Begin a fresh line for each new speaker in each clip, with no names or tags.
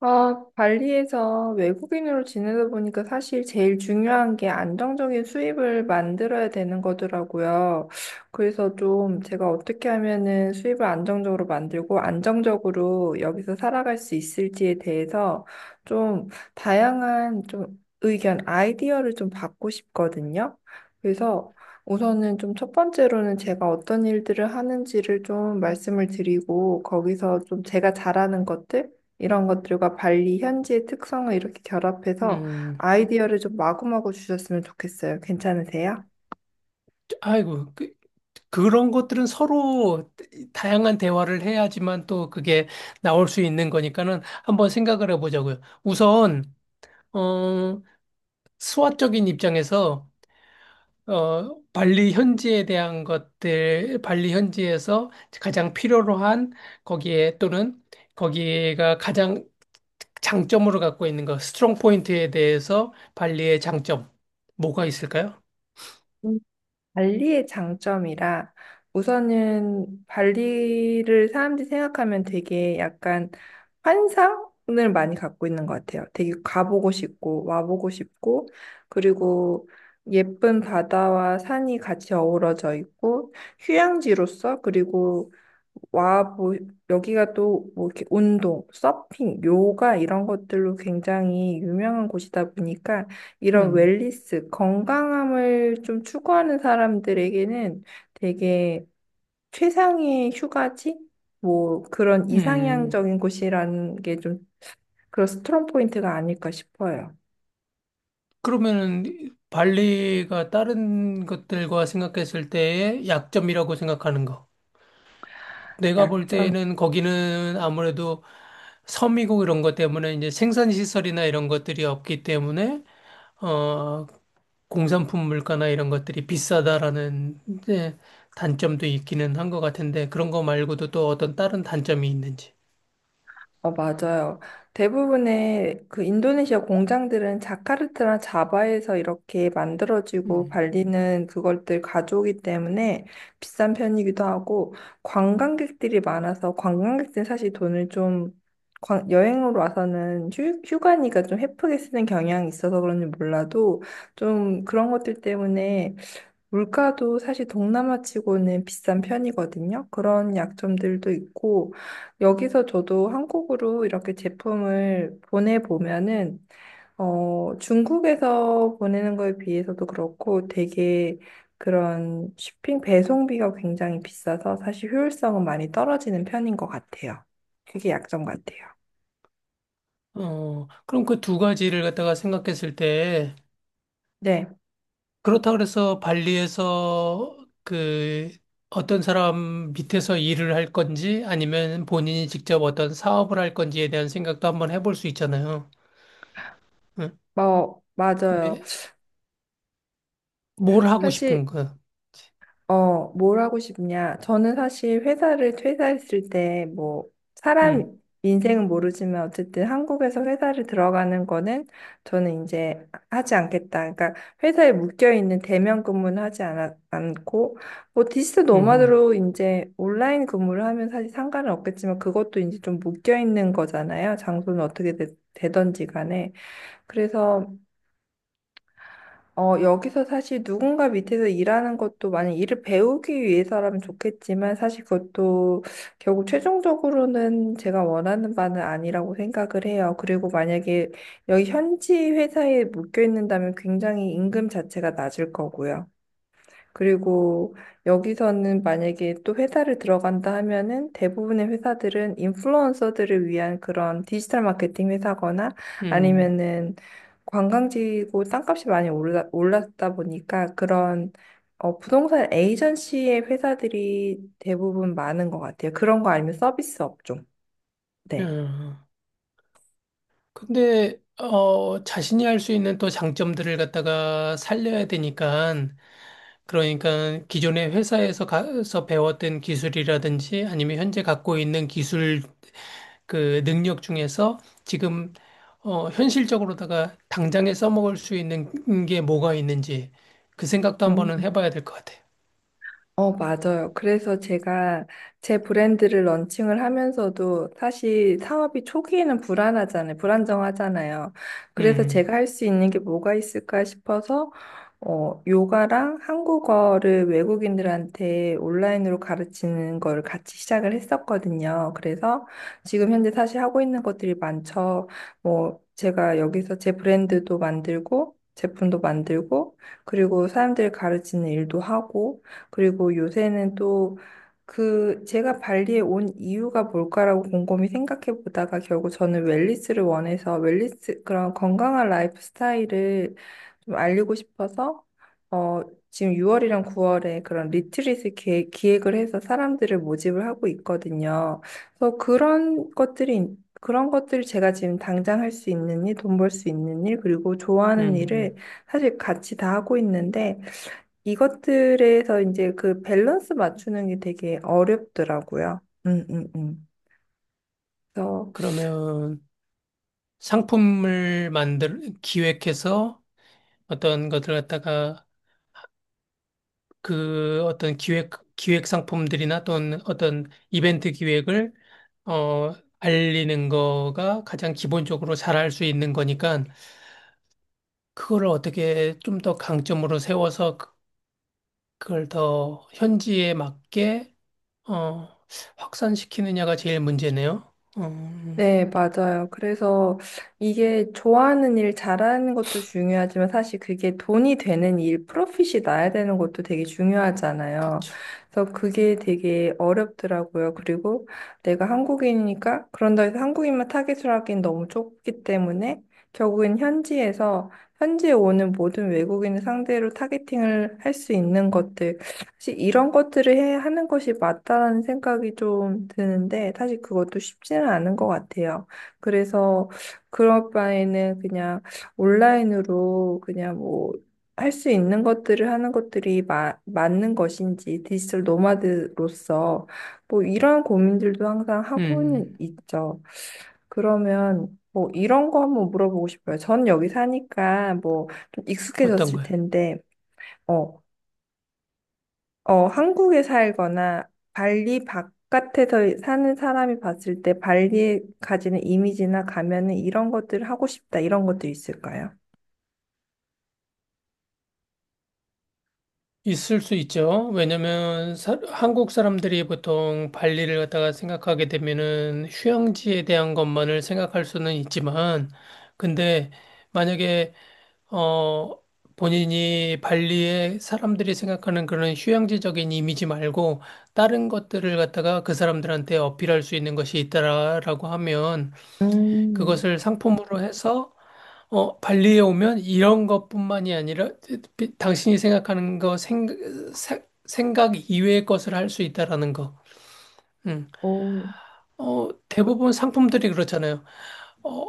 아, 발리에서 외국인으로 지내다 보니까 사실 제일 중요한 게 안정적인 수입을 만들어야 되는 거더라고요. 그래서 좀 제가 어떻게 하면은 수입을 안정적으로 만들고 안정적으로 여기서 살아갈 수 있을지에 대해서 좀 다양한 좀 의견, 아이디어를 좀 받고 싶거든요. 그래서 우선은 좀 첫 번째로는 제가 어떤 일들을 하는지를 좀 말씀을 드리고 거기서 좀 제가 잘하는 것들 이런 것들과 발리 현지의 특성을 이렇게 결합해서
음,
아이디어를 좀 마구마구 주셨으면 좋겠어요. 괜찮으세요?
아이고, 그런 것들은 서로 다양한 대화를 해야지만 또 그게 나올 수 있는 거니까는 한번 생각을 해보자고요. 우선, 어, 수화적인 입장에서, 발리 현지에 대한 것들, 발리 현지에서 가장 필요로 한 거기에 또는 거기가 가장 장점으로 갖고 있는 것, 스트롱 포인트에 대해서 발리의 장점, 뭐가 있을까요?
음. 발리의 장점이라. 우선은 발리를 사람들이 생각하면 되게 약간 환상을 많이 갖고 있는 것 같아요. 되게 가보고 싶고 와보고 싶고, 그리고 예쁜 바다와 산이 같이 어우러져 있고 휴양지로서, 그리고 와, 뭐, 여기가 또, 뭐, 이렇게 운동, 서핑, 요가 이런 것들로 굉장히 유명한 곳이다 보니까 이런
음,
웰니스, 건강함을 좀 추구하는 사람들에게는 되게 최상의 휴가지? 뭐, 그런
음.
이상향적인 곳이라는 게 좀 그런 스트롱 포인트가 아닐까 싶어요.
그러면은 발리가 다른 것들과 생각했을 때의 약점이라고 생각하는 거. 내가 볼
약점.
때는 거기는 아무래도 섬이고 이런 것 때문에 이제 생산 시설이나 이런 것들이 없기 때문에 어 공산품 물가나 이런 것들이 비싸다라는 이제 단점도 있기는 한 것 같은데 그런 거 말고도 또 어떤 다른 단점이 있는지.
어, 맞아요. 대부분의 그 인도네시아 공장들은 자카르타나 자바에서 이렇게 만들어지고
음.
발리는 그것들 가져오기 때문에 비싼 편이기도 하고, 관광객들이 많아서 관광객들은 사실 돈을 좀 여행으로 와서는 휴가니까 좀 헤프게 쓰는 경향이 있어서 그런지 몰라도 좀 그런 것들 때문에 물가도 사실 동남아 치고는 비싼 편이거든요. 그런 약점들도 있고, 여기서 저도 한국으로 이렇게 제품을 보내보면은, 어, 중국에서 보내는 거에 비해서도 그렇고 되게 그런 쇼핑 배송비가 굉장히 비싸서 사실 효율성은 많이 떨어지는 편인 것 같아요. 그게 약점 같아요.
그럼 그 두 가지를 갖다가 생각했을 때
네,
그렇다고 해서 발리에서 그 어떤 사람 밑에서 일을 할 건지 아니면 본인이 직접 어떤 사업을 할 건지에 대한 생각도 한번 해볼 수 있잖아요. 응?
뭐, 맞아요.
근데 뭘 하고
사실
싶은 거?
어, 뭘 하고 싶냐? 저는 사실 회사를 퇴사했을 때, 뭐, 사람
음,
인생은 모르지만 어쨌든 한국에서 회사를 들어가는 거는 저는 이제 하지 않겠다. 그러니까 회사에 묶여있는 대면 근무는 하지 않 않고, 뭐, 디지털
음,
노마드로 이제 온라인 근무를 하면 사실 상관은 없겠지만 그것도 이제 좀 묶여있는 거잖아요. 장소는 어떻게 되, 든지 간에. 그래서 어, 여기서 사실 누군가 밑에서 일하는 것도 만약 일을 배우기 위해서라면 좋겠지만 사실 그것도 결국 최종적으로는 제가 원하는 바는 아니라고 생각을 해요. 그리고 만약에 여기 현지 회사에 묶여 있는다면 굉장히 임금 자체가 낮을 거고요. 그리고 여기서는 만약에 또 회사를 들어간다 하면은 대부분의 회사들은 인플루언서들을 위한 그런 디지털 마케팅 회사거나
음,
아니면은 관광지고 땅값이 많이 올랐다 보니까 그런 어, 부동산 에이전시의 회사들이 대부분 많은 것 같아요. 그런 거 아니면 서비스 업종. 네.
어. 근데 자신이 할 수 있는 또 장점들을 갖다가 살려야 되니까 그러니까 기존의 회사에서 가서 배웠던 기술이라든지 아니면 현재 갖고 있는 기술 그 능력 중에서 지금 현실적으로다가 당장에 써먹을 수 있는 게 뭐가 있는지 그 생각도 한번은 해봐야 될 것 같아요.
어, 맞아요. 그래서 제가 제 브랜드를 런칭을 하면서도 사실 사업이 초기에는 불안하잖아요. 불안정하잖아요. 그래서 제가
음,
할 수 있는 게 뭐가 있을까 싶어서 어, 요가랑 한국어를 외국인들한테 온라인으로 가르치는 걸 같이 시작을 했었거든요. 그래서 지금 현재 사실 하고 있는 것들이 많죠. 뭐 제가 여기서 제 브랜드도 만들고 제품도 만들고, 그리고 사람들 가르치는 일도 하고, 그리고 요새는 또 그 제가 발리에 온 이유가 뭘까라고 곰곰이 생각해 보다가 결국 저는 웰니스를 원해서, 웰니스 그런 건강한 라이프 스타일을 좀 알리고 싶어서 어 지금 6월이랑 9월에 그런 리트릿을 기획을 해서 사람들을 모집을 하고 있거든요. 그래서 그런 것들이 그런 것들을 제가 지금 당장 할 수 있는 일, 돈벌 수 있는 일, 그리고
음,
좋아하는 일을
음.
사실 같이 다 하고 있는데 이것들에서 이제 그 밸런스 맞추는 게 되게 어렵더라고요. 음, 음, 음. 그래서
그러면 상품을 기획해서 어떤 것들 갖다가 어떤 기획 상품들이나 또는 어떤 이벤트 기획을 어, 알리는 거가 가장 기본적으로 잘할 수 있는 거니까 그거를 어떻게 좀 더 강점으로 세워서 그걸 더 현지에 맞게 어, 확산시키느냐가 제일 문제네요. 음,
네, 맞아요. 그래서 이게 좋아하는 일 잘하는 것도 중요하지만 사실 그게 돈이 되는 일, 프로핏이 나야 되는 것도 되게 중요하잖아요.
그쵸.
그래서 그게 되게 어렵더라고요. 그리고 내가 한국인이니까 그런다 해서 한국인만 타겟으로 하기엔 너무 좁기 때문에 결국엔 현지에서 현지에 오는 모든 외국인을 상대로 타겟팅을 할 수 있는 것들 사실 이런 것들을 하는 것이 맞다라는 생각이 좀 드는데, 사실 그것도 쉽지는 않은 것 같아요. 그래서 그럴 바에는 그냥 온라인으로 그냥 뭐, 할 수 있는 것들을 하는 것들이 맞는 것인지, 디지털 노마드로서, 뭐, 이런 고민들도 항상
음,
하고는 있죠. 그러면, 뭐, 이런 거 한번 물어보고 싶어요. 전 여기 사니까, 뭐, 좀
어떤
익숙해졌을
거요?
텐데, 어, 한국에 살거나 발리 바깥에서 사는 사람이 봤을 때 발리에 가지는 이미지나 가면은 이런 것들 하고 싶다 이런 것도 있을까요?
있을 수 있죠. 왜냐면 한국 사람들이 보통 발리를 갖다가 생각하게 되면은 휴양지에 대한 것만을 생각할 수는 있지만, 근데 만약에 어, 본인이 발리에 사람들이 생각하는 그런 휴양지적인 이미지 말고 다른 것들을 갖다가 그 사람들한테 어필할 수 있는 것이 있다라고 하면
음,
그것을 상품으로 해서 발리에 오면 이런 것뿐만이 아니라 당신이 생각하는 거 생각 이외의 것을 할 수 있다라는 거. 음.
오,
대부분 상품들이 그렇잖아요. 어,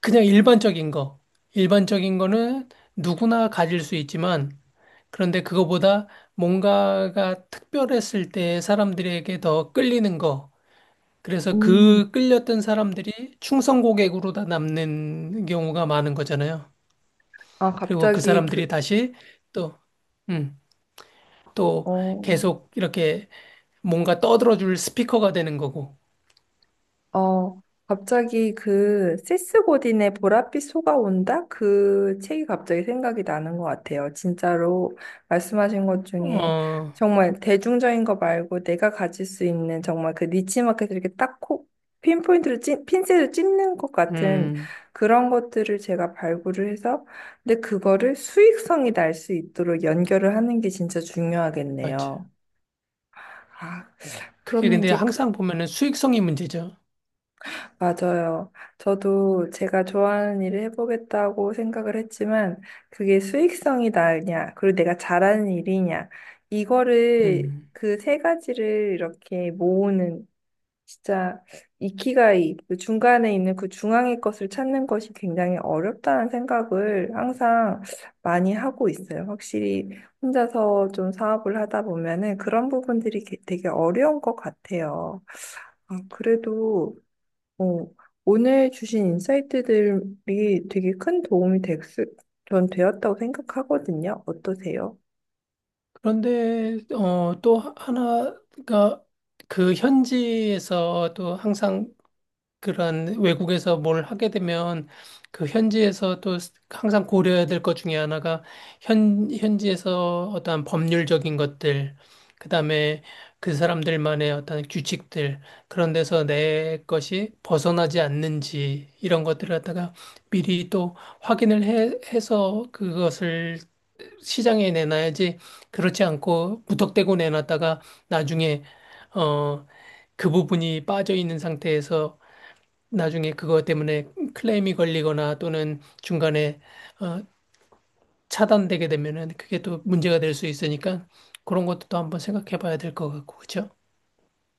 그냥 일반적인 거. 일반적인 거는 누구나 가질 수 있지만 그런데 그거보다 뭔가가 특별했을 때 사람들에게 더 끌리는 거. 그래서
음.
그 끌렸던 사람들이 충성 고객으로 다 남는 경우가 많은 거잖아요.
아,
그리고 그
갑자기
사람들이
그,
다시 또, 음, 또
어,
계속 이렇게 뭔가 떠들어줄 스피커가 되는 거고.
어, 갑자기 그 세스 고딘의 보랏빛 소가 온다? 그 책이 갑자기 생각이 나는 것 같아요. 진짜로 말씀하신 것 중에
어,
정말 대중적인 거 말고 내가 가질 수 있는 정말 그 니치마켓을 이렇게 딱 콕, 핀포인트로 핀셋을 찝는 것 같은
음,
그런 것들을 제가 발굴을 해서, 근데 그거를 수익성이 날 수 있도록 연결을 하는 게 진짜
맞아.
중요하겠네요. 아,
그게
그러면
근데
이제 그
항상 보면은 수익성이 문제죠.
맞아요. 저도 제가 좋아하는 일을 해보겠다고 생각을 했지만, 그게 수익성이 나으냐, 그리고 내가 잘하는 일이냐, 이거를,
음.
그 세 가지를 이렇게 모으는, 진짜, 이키가이, 그 중간에 있는 그 중앙의 것을 찾는 것이 굉장히 어렵다는 생각을 항상 많이 하고 있어요. 확실히 혼자서 좀 사업을 하다 보면은 그런 부분들이 되게 어려운 것 같아요. 아, 그래도, 어, 오늘 주신 인사이트들이 되게 큰 도움이 전 되었다고 생각하거든요. 어떠세요?
그런데 또 하나가 그 현지에서 또 항상 그런 외국에서 뭘 하게 되면 그 현지에서 또 항상 고려해야 될 것 중에 하나가 현지에서 어떠한 법률적인 것들, 그다음에 그 사람들만의 어떤 규칙들, 그런 데서 내 것이 벗어나지 않는지 이런 것들을 갖다가 미리 또 확인을 해서 그것을 시장에 내놔야지 그렇지 않고 무턱대고 내놨다가 나중에 어, 그 부분이 빠져 있는 상태에서 나중에 그것 때문에 클레임이 걸리거나 또는 중간에 어, 차단되게 되면은 그게 또 문제가 될 수 있으니까 그런 것도 또 한번 생각해 봐야 될 것 같고, 그렇죠?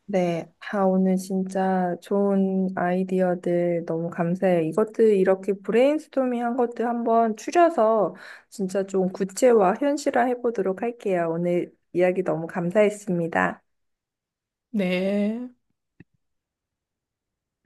네, 아, 오늘 진짜 좋은 아이디어들 너무 감사해요. 이것들 이렇게 브레인스토밍 한 것들 한번 추려서 진짜 좀 구체화, 현실화 해보도록 할게요. 오늘 이야기 너무 감사했습니다.
네.